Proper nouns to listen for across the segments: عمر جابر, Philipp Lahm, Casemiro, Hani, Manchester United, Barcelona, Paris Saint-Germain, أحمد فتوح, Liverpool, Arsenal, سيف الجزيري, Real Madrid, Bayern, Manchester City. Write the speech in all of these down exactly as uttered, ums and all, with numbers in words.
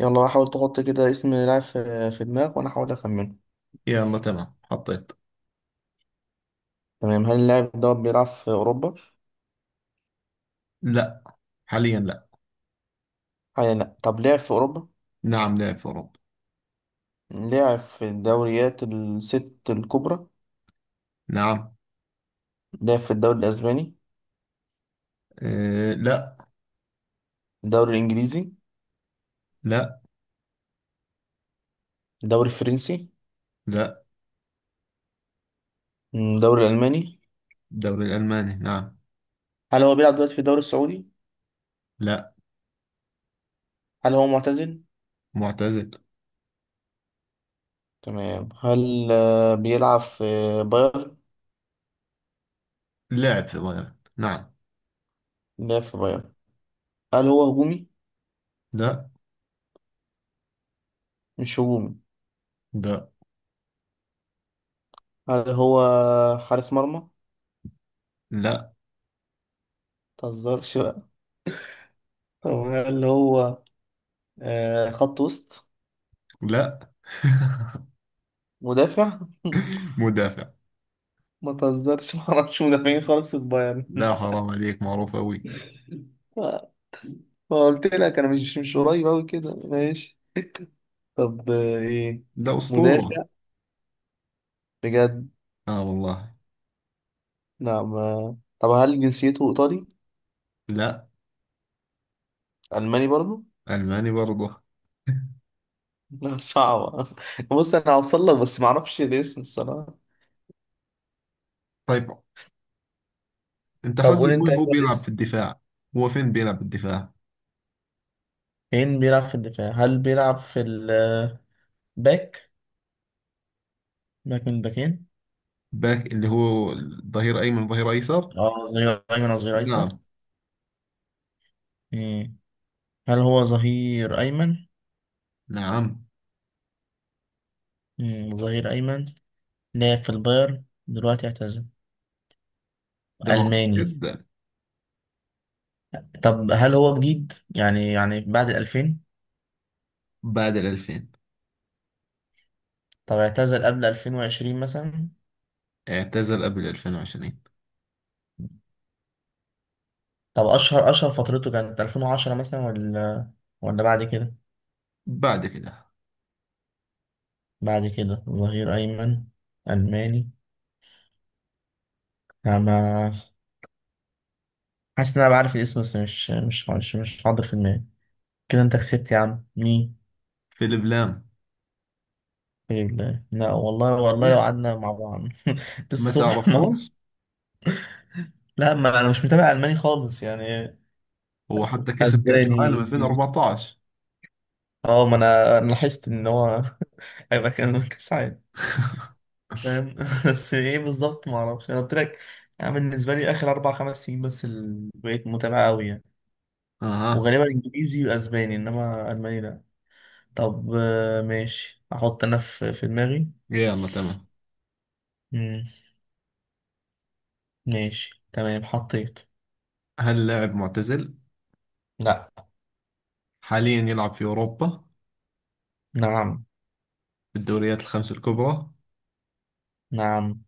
يلا حاول تحط كده اسم لاعب في في دماغك وانا احاول اخمنه. يلا، تمام، حطيت. تمام، هل اللاعب ده بيلعب في اوروبا؟ لا، حاليا لا. حاليا لا. طب لعب في اوروبا؟ نعم، لعب في أوروبا. لعب في الدوريات الست الكبرى؟ نعم. لعب في الدوري الاسباني؟ أه، لا. الدوري الانجليزي؟ لا. الدوري الفرنسي؟ لا. مم، الدوري الالماني؟ الدوري الألماني، نعم. هل هو بيلعب دلوقتي في الدوري السعودي؟ لا. هل هو معتزل؟ معتزل. تمام، هل آه، بيلعب في بايرن؟ لاعب في بايرن، نعم. لعب في بايرن. هل هو هجومي؟ لا. مش هجومي؟ لا. هل هو حارس مرمى؟ لا. متهزرش بقى. طب هل هو آه خط وسط؟ لا. مدافع؟ مدافع. ما تهزرش، ما اعرفش مدافعين خالص في البايرن. لا، حرام عليك، معروف أوي. ما قلت لك انا مش مش قريب قوي كده، ماشي. طب آه، ايه؟ لا، أسطورة. مدافع؟ بجد؟ آه والله. لا ما. طب هل جنسيته ايطالي؟ لا. الماني برضو؟ ألماني برضه. لا، صعبة. بص انا هوصل لك بس ما اعرفش الاسم الصراحة. طيب، أنت طب حسب قول انت مين هو كده بيلعب في الاسم. الدفاع؟ هو فين بيلعب في الدفاع؟ مين بيلعب في الدفاع؟ هل بيلعب في الباك؟ باك. من باك، من الباكين. باك، اللي هو ظهير أيمن ظهير أيسر. اه، ظهير ايمن او ظهير ايسر. نعم. مم. هل هو ظهير ايمن؟ نعم. مم، ظهير أيمن. لعب في البايرن، دلوقتي اعتزل، ده معروف ألماني. جدا. طب هل هو جديد يعني يعني بعد الألفين؟ بعد ال ألفين. طب اعتزل قبل ألفين وعشرين مثلا؟ اعتزل قبل ألفين وعشرين. طب أشهر أشهر فترته كانت ألفين وعشرة مثلا؟ ولا؟ ولا بعد كده؟ بعد كده. بعد كده. ظهير أيمن، ألماني. أنا ما- حاسس إن أنا بعرف الاسم بس مش مش مش, مش حاضر في دماغي. كده أنت كسبت يا عم، مين؟ فيليب لام. لا لا، والله والله لو لا، قعدنا مع بعض ما الصبح ما. تعرفوش. لا ما، أنا مش متابع ألماني خالص يعني. هو حتى كسب كأس اسباني، العالم انجليزي. ألفين وأربعتاشر. اه ما انا أنا لاحظت ان هو هيبقى كان كاس عالم. فاهم؟ بس ايه بالظبط؟ ما اعرفش، انا قلت لك. يعني بالنسبه لي اخر اربع خمس سنين بس اللي بقيت متابع قوي يعني، اها. وغالبا انجليزي واسباني، انما الماني لا. طب آه، ماشي، احط انا في في دماغي. يلا تمام. مم، ماشي تمام، حطيت. هل لاعب معتزل؟ لا. حاليا يلعب في أوروبا؟ نعم. في الدوريات الخمس الكبرى؟ نعم.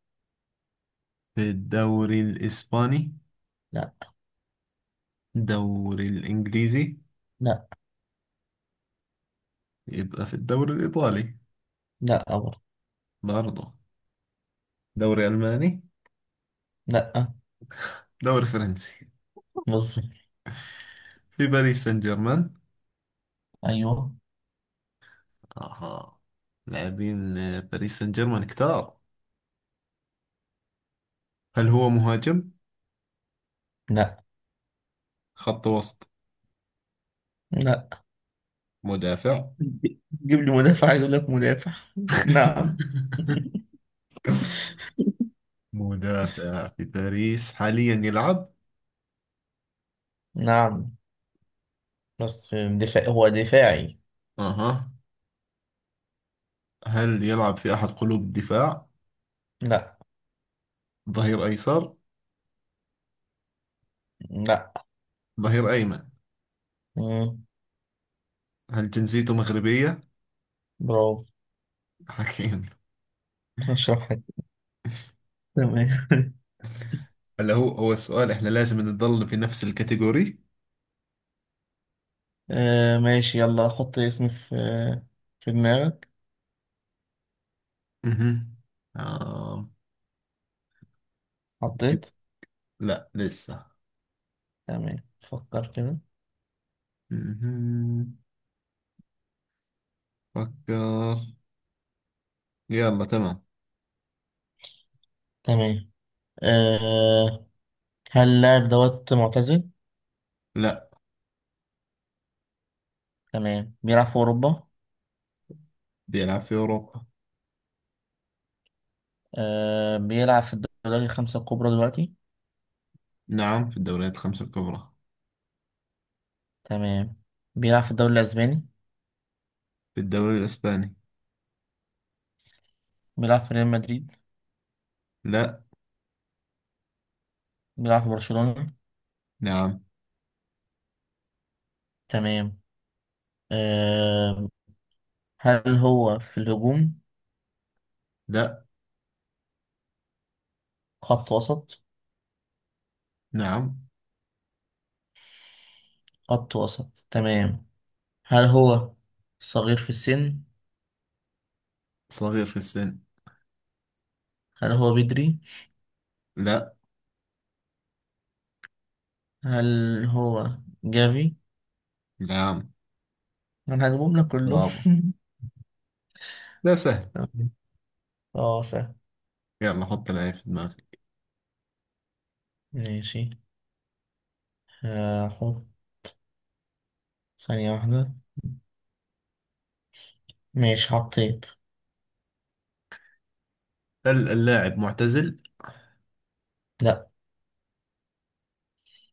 في الدوري الإسباني؟ لا. الدوري الإنجليزي؟ لا. يبقى في الدوري الإيطالي؟ لا أبر. برضه. دوري ألماني؟ لا. دوري فرنسي؟ بالظبط. في باريس سان جيرمان. ايوه. اها. لاعبين آه، باريس سان جيرمان كتار. هل هو مهاجم؟ لا. خط وسط؟ لا. مدافع؟ جيب لي مدافع، عايز اقول لك مدافع. نعم. مدافع في باريس حاليا يلعب. نعم بس دفاع، هو دفاعي. اها. هل يلعب في احد قلوب الدفاع؟ لا. ظهير ايسر؟ لا. ظهير ايمن؟ مم. هل جنسيته مغربية؟ برافو. حكيم. اشرح حاجة. تمام. هلا، هو هو السؤال احنا لازم نضل في نفس الكاتيجوري. آه ماشي يلا حط اسمي في في دماغك. اها. آه. حطيت. لا، لسه. تمام، فكر كده. مهم. فكر. يلا تمام. تمام. آه هل اللاعب دوت معتزل؟ لا. تمام، بيلعب في أوروبا. بيلعب في أوروبا. آه بيلعب في الدوري الخمسة الكبرى دلوقتي. نعم. في الدوريات الخمسة الكبرى. تمام. بيلعب في الدوري الأسباني؟ في الدوري الإسباني. بيلعب في ريال مدريد؟ لا. بيلعب في برشلونة؟ نعم. تمام. آه هل هو في الهجوم؟ لا. خط وسط؟ نعم، خط وسط تمام. هل هو صغير في السن؟ صغير في السن. هل هو بدري؟ لا. هل هو جافي؟ نعم. انا هجيبهم لك كلهم. برافو. لا، سهل. تمام. اه سهل. يلا، حط العين في دماغك. ماشي، هحط، ثانية واحدة. ماشي حطيت. هل اللاعب معتزل؟ لا.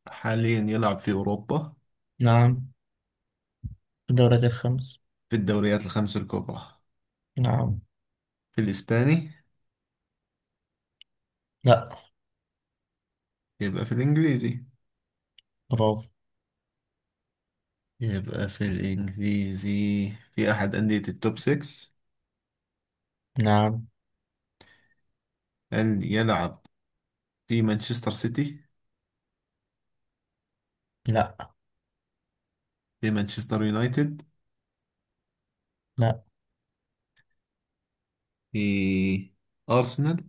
حاليا يلعب في أوروبا؟ نعم. في الدوريات الخمس. في الدوريات الخمسة الكبرى؟ نعم. في الإسباني؟ لا. يبقى في الإنجليزي. برافو. يبقى في الإنجليزي في أحد أندية التوب ستة. نعم. هل يلعب في مانشستر سيتي؟ لا. في مانشستر يونايتد؟ لا. في أرسنال؟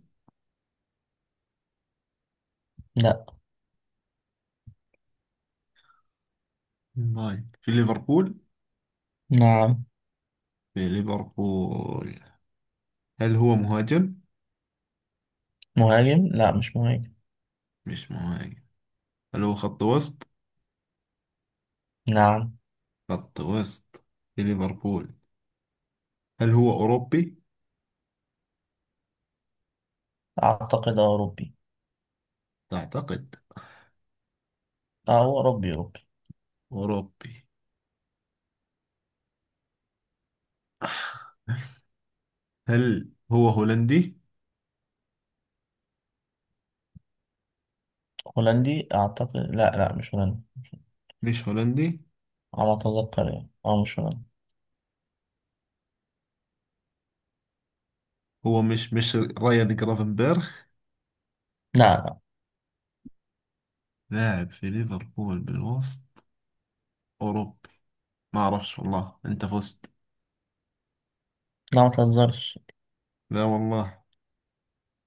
لا. ناين في ليفربول. نعم. في ليفربول. هل هو مهاجم؟ مهاجم؟ لا مش مهاجم. مش مهاجم. هل هو خط وسط؟ نعم. خط وسط في ليفربول. هل هو أوروبي؟ أعتقد أوروبي. أعتقد أه هو أوروبي أوروبي. أوروبي. هل هو هولندي؟ هولندي أعتقد؟ لا لا، مش هولندي. مش هولندي. على ما أتذكر يعني، أه مش هولندي. هو مش مش رايان جرافنبرغ. لا. لا. لاعب في ليفربول بالوسط، أوروبي. ما أعرفش والله، أنت فزت. لا ما تهزرش. لا والله.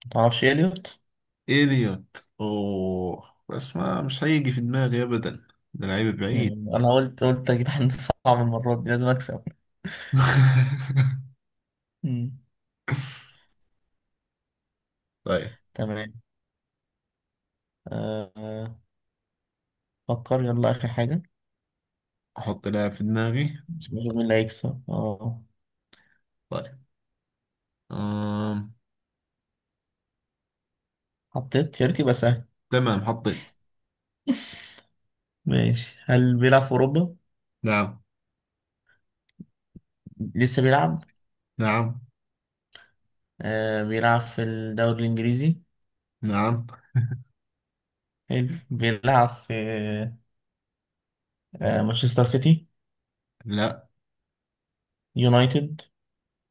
متعرفش إليوت؟ إليوت؟ أوه، بس ما مش هيجي في دماغي أبدا. ده لعيب بعيد. مم. أنا قلت قلت أجيب حد صعب، المرة دي لازم أكسب. مم. طيب. تمام. أه آه، فكر يلا آخر حاجة. أحط لاعب في دماغي. نشوف مين اللي هيكسب. أه طيب. آم. حطيت يا ريت يبقى سهل. تمام، حطيت. ماشي، هل بيلعب في أوروبا؟ نعم. لسه بيلعب؟ نعم. أه بيلعب في الدوري الإنجليزي. نعم. حلو، بيلعب في آه، مانشستر سيتي؟ لا. يونايتد؟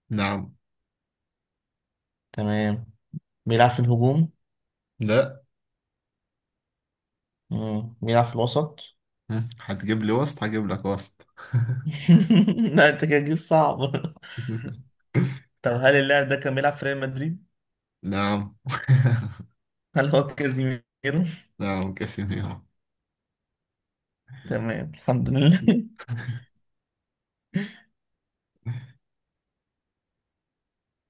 نعم. تمام. بيلعب في الهجوم؟ لا. مم. بيلعب في الوسط. هم، هتجيب لي وسط هجيب لك وسط. لا انت كده تجيب صعب. طب هل اللاعب ده كان بيلعب في ريال مدريد؟ نعم. هل هو كازيميرو؟ نعم، كاسيميرو. تمام، الحمد لله.